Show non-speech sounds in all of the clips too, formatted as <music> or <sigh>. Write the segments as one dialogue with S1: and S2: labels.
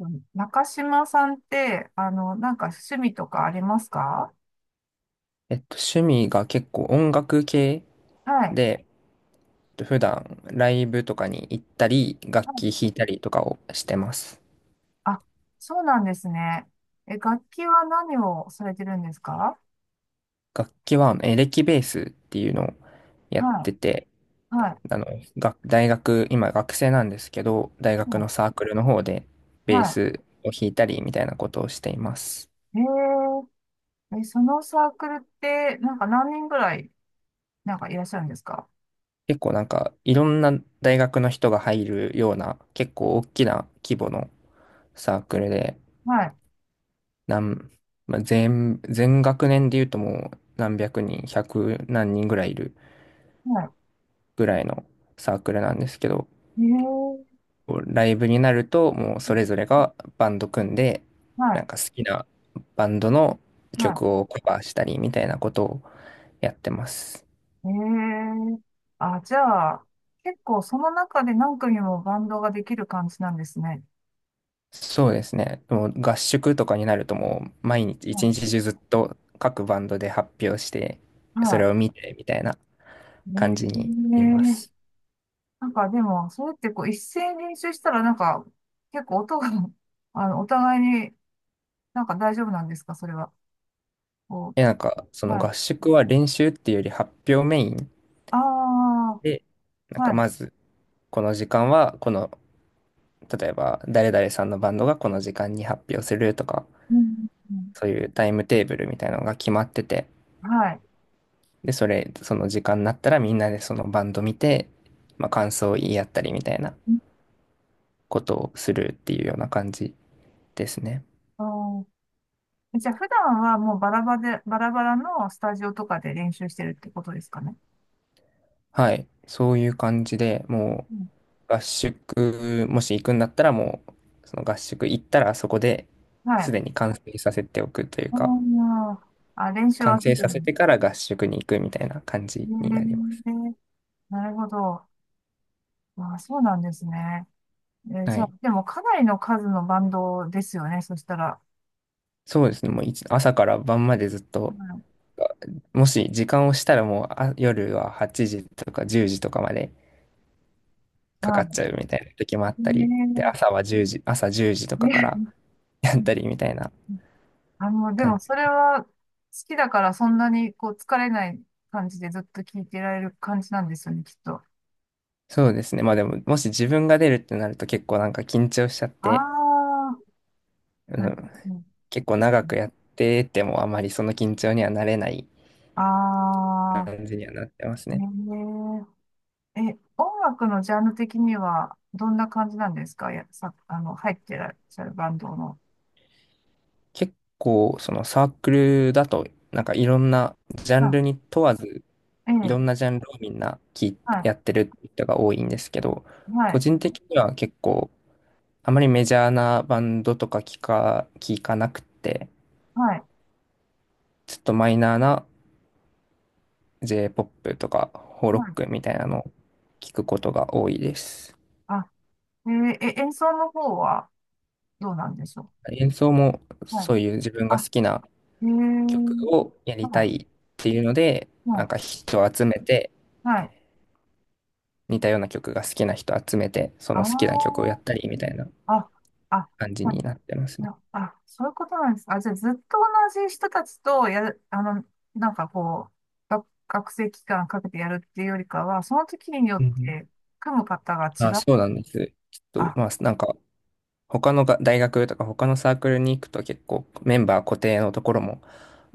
S1: うん。中島さんって、なんか趣味とかありますか？
S2: 趣味が結構音楽系
S1: はい。
S2: で、普段ライブとかに行ったり、
S1: は
S2: 楽器
S1: い。
S2: 弾いたりとかをしてます。
S1: あ、そうなんですね。え、楽器は何をされてるんですか？
S2: 楽器はエレキベースっていうのをやって
S1: は
S2: て、
S1: い。はい。
S2: あの、大学、今学生なんですけど、大学
S1: は
S2: の
S1: い。
S2: サークルの方でベー
S1: は
S2: スを弾いたりみたいなことをしています。
S1: い。そのサークルって、なんか何人ぐらい、なんかいらっしゃるんですか？
S2: 結構なんかいろんな大学の人が入るような結構大きな規模のサークルで、
S1: はい。
S2: なん、まあ、全学年で言うともう何百人、百何人ぐらいいる
S1: は
S2: ぐらいのサークルなんですけど、
S1: い。
S2: ライブになるともうそれぞれがバンド組んで、
S1: は
S2: な
S1: い。
S2: んか好きなバンドの
S1: は
S2: 曲をカバーしたりみたいなことをやってます。
S1: い。あ、じゃあ、結構その中で何組もバンドができる感じなんですね。
S2: そうですね。もう合宿とかになるともう毎日一
S1: は
S2: 日中ずっと各バンドで発表して、
S1: い。は
S2: それを
S1: い。
S2: 見てみたいな感じに
S1: ね
S2: なりま
S1: え、
S2: す。
S1: なんかでも、それってこう一斉に練習したらなんか、結構音が <laughs> お互いになんか大丈夫なんですかそれは？こ
S2: で、なんか、その
S1: は
S2: 合
S1: い。
S2: 宿は練習っていうより発表メイン
S1: あ
S2: で、な
S1: あ、
S2: ん
S1: は
S2: か
S1: い。
S2: まず、この時間は、例えば、誰々さんのバンドがこの時間に発表するとか、
S1: うん、うん。
S2: そういうタイムテーブルみたいなのが決まってて、
S1: はい。
S2: で、その時間になったらみんなでそのバンド見て、まあ、感想を言い合ったりみたいな
S1: うん。
S2: ことをするっていうような感じですね。
S1: あー、じゃあ普段はもうバラバラで、バラバラのスタジオとかで練習してるってことですかね？
S2: はい。そういう感じで、も
S1: うん、
S2: う、合宿、もし行くんだったらもう、その合宿行ったらそこで
S1: は
S2: す
S1: い。
S2: でに完成させておくという
S1: あ
S2: か、
S1: ー、あ、練習
S2: 完
S1: は普
S2: 成させ
S1: 段。
S2: てから合宿に行くみたいな感
S1: え
S2: じになります。
S1: ーなるほど。あー、そうなんですね。
S2: は
S1: じゃあ、
S2: い。
S1: でもかなりの数のバンドですよね、そしたら。
S2: そうですね。もう一朝から晩までずっ
S1: う
S2: と、
S1: ん。
S2: もし時間をしたらもう夜は8時とか10時とかまでか
S1: まあ、
S2: かっ
S1: ね
S2: ちゃうみたいな時もあったり、で、朝は10時、朝10時と
S1: え、
S2: かから
S1: <laughs> ね
S2: やったりみたいな
S1: え、で
S2: 感
S1: もそ
S2: じ。
S1: れは好きだからそんなにこう疲れない感じでずっと聴いてられる感じなんですよね、きっと。
S2: そうですね。まあでも、もし自分が出るってなると結構なんか緊張しちゃっ
S1: あ
S2: て、
S1: あ、
S2: う
S1: なる
S2: ん、
S1: ほど。
S2: 結構長くやっててもあまりその緊張にはなれない
S1: ああ、
S2: 感じにはなってますね。
S1: ねえ。え、音楽のジャンル的にはどんな感じなんですか？や、さ、あの、入ってらっしゃるバンドの。
S2: 結構そのサークルだとなんかいろんなジャンル
S1: あ、
S2: に問わず
S1: え
S2: いろ
S1: え、
S2: んなジャンルをみんな聞い
S1: はい、
S2: やってる人が多いんですけど、
S1: は
S2: 個
S1: い、
S2: 人的には結構あまりメジャーなバンドとか聞かなくて、
S1: はい、
S2: ちょっとマイナーな J-POP とかホーロ
S1: は
S2: ッ
S1: い。
S2: クみたいなのを聞くことが多いです。
S1: あ、えーえ、演奏の方はどうなんでしょ
S2: 演奏も
S1: う。はい。
S2: そういう自分が好
S1: あ、
S2: きな
S1: え
S2: 曲
S1: ー、
S2: をやり
S1: は
S2: た
S1: い。
S2: いっていうので、な
S1: は
S2: んか人を集めて、
S1: い。はい。
S2: 似たような曲が好きな人集めて、その好きな曲を
S1: あ
S2: やったりみたいな
S1: あ、あ、あ、
S2: 感じ
S1: は
S2: に
S1: い。
S2: なってますね。
S1: なあ、そういうことなんですか？あ、じゃあ、ずっと同じ人たちとやる、なんかこう、学生期間かけてやるっていうよりかは、その時によ
S2: う
S1: っ
S2: んうん。
S1: て組む方が違
S2: あ、
S1: う。
S2: そうなんです。ちょっ
S1: あ、
S2: と、まあ、なんか、他のが大学とか他のサークルに行くと結構メンバー固定のところも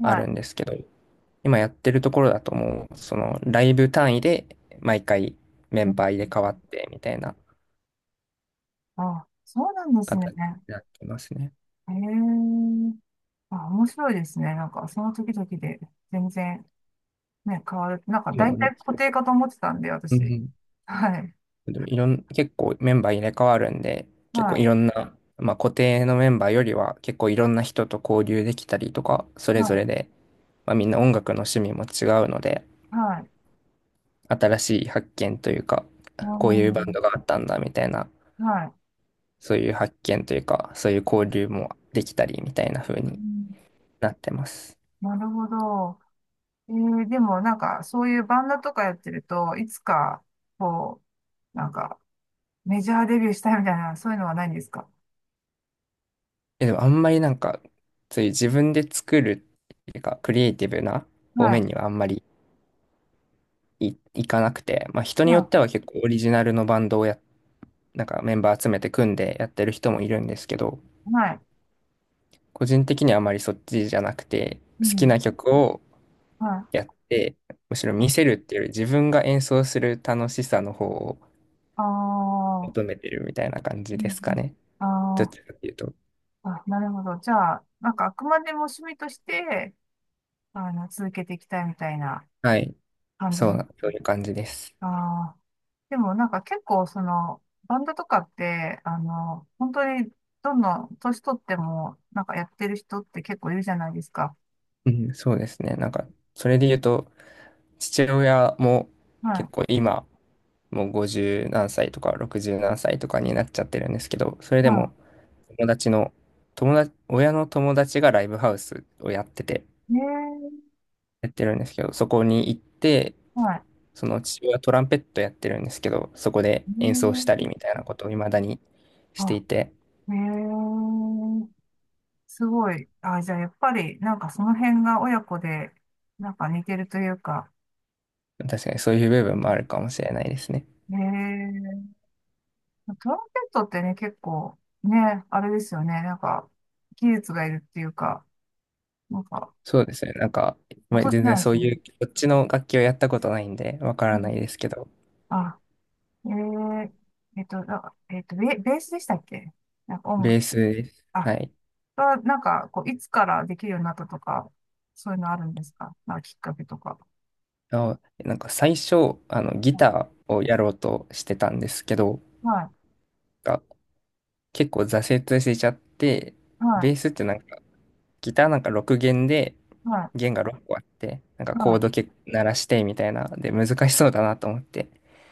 S2: ある
S1: い。
S2: んですけど、今やってるところだともう、そのライブ単位で毎回メ
S1: う
S2: ン
S1: ん。
S2: バー入れ替わってみたいな
S1: あ、そうなんです
S2: 形
S1: ね。
S2: になってますね。
S1: えー、あ、面白いですね。なんか、その時々で全然。ね、変わる。なんか
S2: そうな
S1: 大
S2: んで
S1: 体
S2: す
S1: 固
S2: よ。
S1: 定かと思ってたんで、
S2: う
S1: 私。
S2: ん。
S1: はい。
S2: でもいろん、結構メンバー入れ替わるんで、結構い
S1: は
S2: ろんな、まあ、固定のメンバーよりは結構いろんな人と交流できたりとか、そ
S1: い。
S2: れ
S1: は
S2: ぞ
S1: い。
S2: れで、まあ、みんな音楽の趣味も違うので、
S1: はい。
S2: 新しい発見というか、
S1: う
S2: こういうバンド
S1: ん。
S2: があったんだみたいな、
S1: はい。
S2: そういう発見というか、そういう交流もできたりみたいな風
S1: う
S2: に
S1: ん。
S2: なってます。
S1: なるほど。でもなんか、そういうバンドとかやってると、いつか、こう、なんか、メジャーデビューしたいみたいな、そういうのはないんですか？
S2: でもあんまりなんか、そういう自分で作るっていうか、クリエイティブな
S1: は
S2: 方
S1: い。
S2: 面にはあんまりいかなくて、まあ、人によっ
S1: は
S2: ては結構オリジナルのバンドをなんかメンバー集めて組んでやってる人もいるんですけど、
S1: い。はい。
S2: 個人的にはあまりそっちじゃなくて、
S1: う
S2: 好き
S1: ん。
S2: な曲を
S1: は
S2: やって、むしろ
S1: い。
S2: 見せるっていうより自分が演奏する楽しさの方を
S1: あ
S2: 求
S1: あ、
S2: めてるみたいな感
S1: う
S2: じで
S1: ん。
S2: すかね。どっ
S1: あー、
S2: ちかっていうと。
S1: あ、なるほど。じゃあ、なんか、あくまでも趣味として、続けていきたいみたいな
S2: はい。
S1: 感じ。
S2: そうな、そういう感じです。
S1: ああ、でもなんか結構バンドとかって、本当にどんどん年取っても、なんかやってる人って結構いるじゃないですか。
S2: うん、そうですね。なんか、それで言うと、父親も
S1: はい。
S2: 結構今、もう50何歳とか60何歳とかになっちゃってるんですけど、それで
S1: は
S2: も、友達の、友達、親の友達がライブハウスをやってて、
S1: い。ね
S2: やってるんですけど、そこに行って、
S1: え、はい。
S2: その父親はトランペットやってるんですけど、そこで
S1: ね
S2: 演奏したりみ
S1: え、
S2: たいなことを未だにして
S1: あ、
S2: いて、
S1: ねえ、すごい。あ、じゃあやっぱり、なんかその辺が親子で、なんか似てるというか。
S2: 確かにそういう部
S1: う
S2: 分もあ
S1: ん。
S2: るかもしれないですね。
S1: ねえ、トランペットってね、結構、ね、あれですよね。なんか、技術がいるっていうか、なんか、
S2: そうですね。なんか、まあ、
S1: 音じ
S2: 全
S1: ゃ
S2: 然
S1: ないで
S2: そ
S1: す
S2: う
S1: ね。
S2: いう、こっちの楽器をやったことないんで、わか
S1: う
S2: らない
S1: ん。
S2: ですけど、
S1: あ、えー、えっと、なえっと、ベースでしたっけ？なんか音
S2: ベ
S1: 楽、
S2: ースです。
S1: あ、
S2: はい。
S1: なんか、こう、いつからできるようになったとか、そういうのあるんですか？なんかきっかけとか。
S2: あ、なんか最初、ギ
S1: は
S2: ターをやろうとしてたんですけど、
S1: い、
S2: が結構挫折しちゃって、
S1: は
S2: ベースってなんか、ギターなんか6弦で、
S1: い、は
S2: 弦が6個あって、なんか
S1: い、は
S2: コード
S1: い。
S2: け鳴らしてみたいな、で、難しそうだなと思って。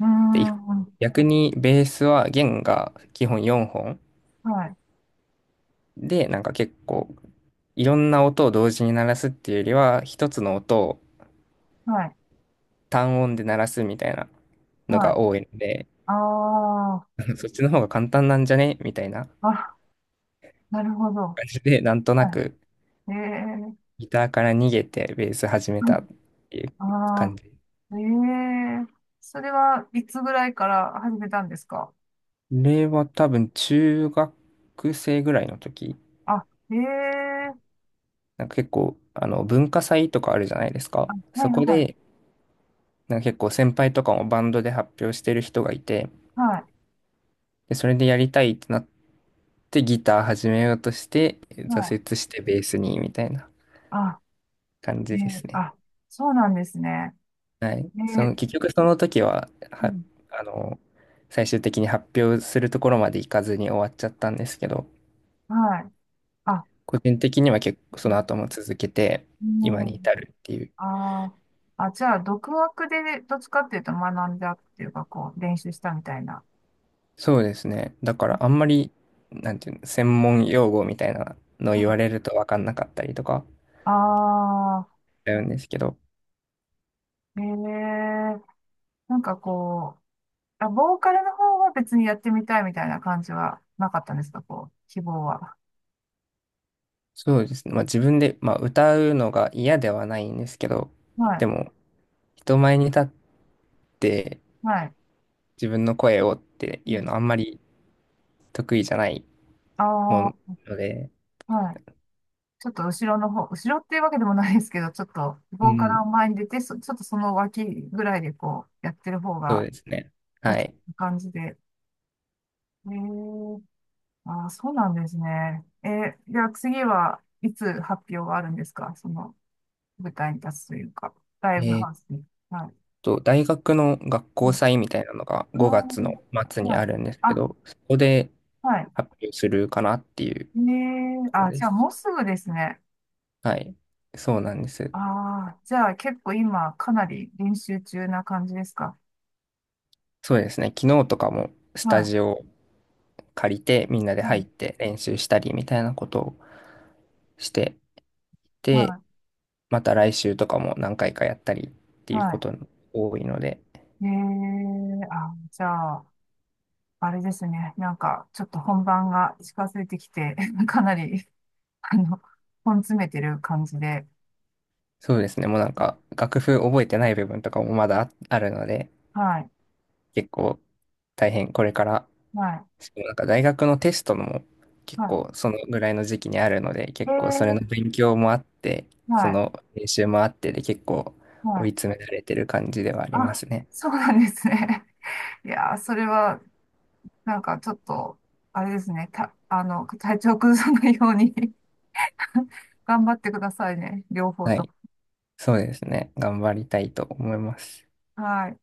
S1: うー
S2: で、
S1: ん、
S2: 逆にベースは弦が基本4本
S1: はい、
S2: で、なんか結構、いろんな音を同時に鳴らすっていうよりは、一つの音を
S1: はい、
S2: 単音で鳴らすみたいなの
S1: は
S2: が
S1: い。
S2: 多いので、
S1: ああ、
S2: <laughs> そっちの方が簡単なんじゃねみたいな
S1: あ、なるほど。
S2: 感じで、なんとな
S1: は
S2: く
S1: い。ええ。
S2: ギターから逃げてベース始めたっ
S1: <laughs>
S2: ていう
S1: あ
S2: 感じ。こ
S1: あ。ええ。それはいつぐらいから始めたんですか？
S2: れは多分中学生ぐらいの時、
S1: あ、ええ、
S2: なんか結構文化祭とかあるじゃないですか。
S1: あ、は
S2: そ
S1: い、
S2: こ
S1: は
S2: で
S1: い、
S2: なんか結構先輩とかもバンドで発表してる人がいて、
S1: はい。
S2: で、それでやりたいってなってギター始めようとして
S1: あ
S2: 挫折してベースにみたいな
S1: あ、
S2: 感じですね。
S1: あ、そうなんですね。
S2: はい。
S1: えー
S2: 結局その時は、
S1: うん、
S2: あの、最終的に発表するところまで行かずに終わっちゃったんですけど、
S1: はい。あ、
S2: 個人的には結構その後も続けて、
S1: う
S2: 今に
S1: ん、
S2: 至るっていう。
S1: あー、あ、じゃあ、独学でどっちかっていうと学んだっていうか、こう、練習したみたいな。
S2: そうですね。だからあんまり、なんていうの、専門用語みたいなのを
S1: う
S2: 言
S1: ん。
S2: われると分かんなかったりとか、
S1: ああ
S2: だうんですけど、
S1: ー、なんかこう、あ、ボーカルの方は別にやってみたいみたいな感じはなかったんですか、こう、希望は？
S2: そうですね。まあ自分で、まあ歌うのが嫌ではないんですけど、
S1: は
S2: で
S1: い、
S2: も人前に立って
S1: はい。
S2: 自分の声をって
S1: う
S2: いう
S1: ん、
S2: のはあんまり得意じゃないもの
S1: あ
S2: で、
S1: あ、はい。ちょっと後ろの方、後ろっていうわけでもないですけど、ちょっと
S2: う
S1: 棒か
S2: ん、
S1: ら前に出て、ちょっとその脇ぐらいでこうやってる方
S2: そう
S1: が
S2: ですね。
S1: 落
S2: は
S1: ち
S2: い。
S1: 着く感じで。へえー。あー、そうなんですね。じゃあ次はいつ発表があるんですか？その舞台に立つというか、ライブ
S2: え
S1: ハウ
S2: ー
S1: スに。は
S2: 大学の学
S1: い。は
S2: 校
S1: い。
S2: 祭みたいなのが
S1: あ
S2: 5月の末
S1: ー。
S2: に
S1: はい。
S2: あるんですけ
S1: あ、
S2: ど、そこで
S1: はい。
S2: 発表するかなっていうと
S1: ねえ、
S2: ころ
S1: あ、
S2: で
S1: じゃあ
S2: す。
S1: もうすぐですね。
S2: はい。そうなんです。
S1: ああ、じゃあ結構今かなり練習中な感じですか？
S2: そうですね。昨日とかもス
S1: は
S2: タ
S1: い。
S2: ジオ借りてみんなで
S1: う
S2: 入っ
S1: ん。
S2: て練習したりみたいなことをして
S1: は
S2: て、
S1: い。
S2: また来週とかも何回かやったりって
S1: は
S2: いうこ
S1: い。
S2: とが多いので、
S1: ええ。あ、じゃあ、あれですね。なんか、ちょっと本番が近づいてきて、<laughs> かなり、あの、本詰めてる感じで。
S2: そうですね。もうなんか楽譜覚えてない部分とかもまだあるので、
S1: はい、
S2: 結構大変これから
S1: はい、
S2: なんか大学のテストも結
S1: は
S2: 構そのぐらいの時期にあるので、結構それの
S1: い。ええ。
S2: 勉強もあって、そ
S1: はい、
S2: の練習もあってで結構
S1: は
S2: 追い
S1: い。
S2: 詰められてる感じではありま
S1: あ、
S2: すね。
S1: そうなんですね。<laughs> いやー、それは、なんか、ちょっと、あれですね。た、あの、体調崩さないように <laughs> 頑張ってくださいね。両方
S2: は
S1: と
S2: い。
S1: も。
S2: そうですね。頑張りたいと思います。
S1: はい。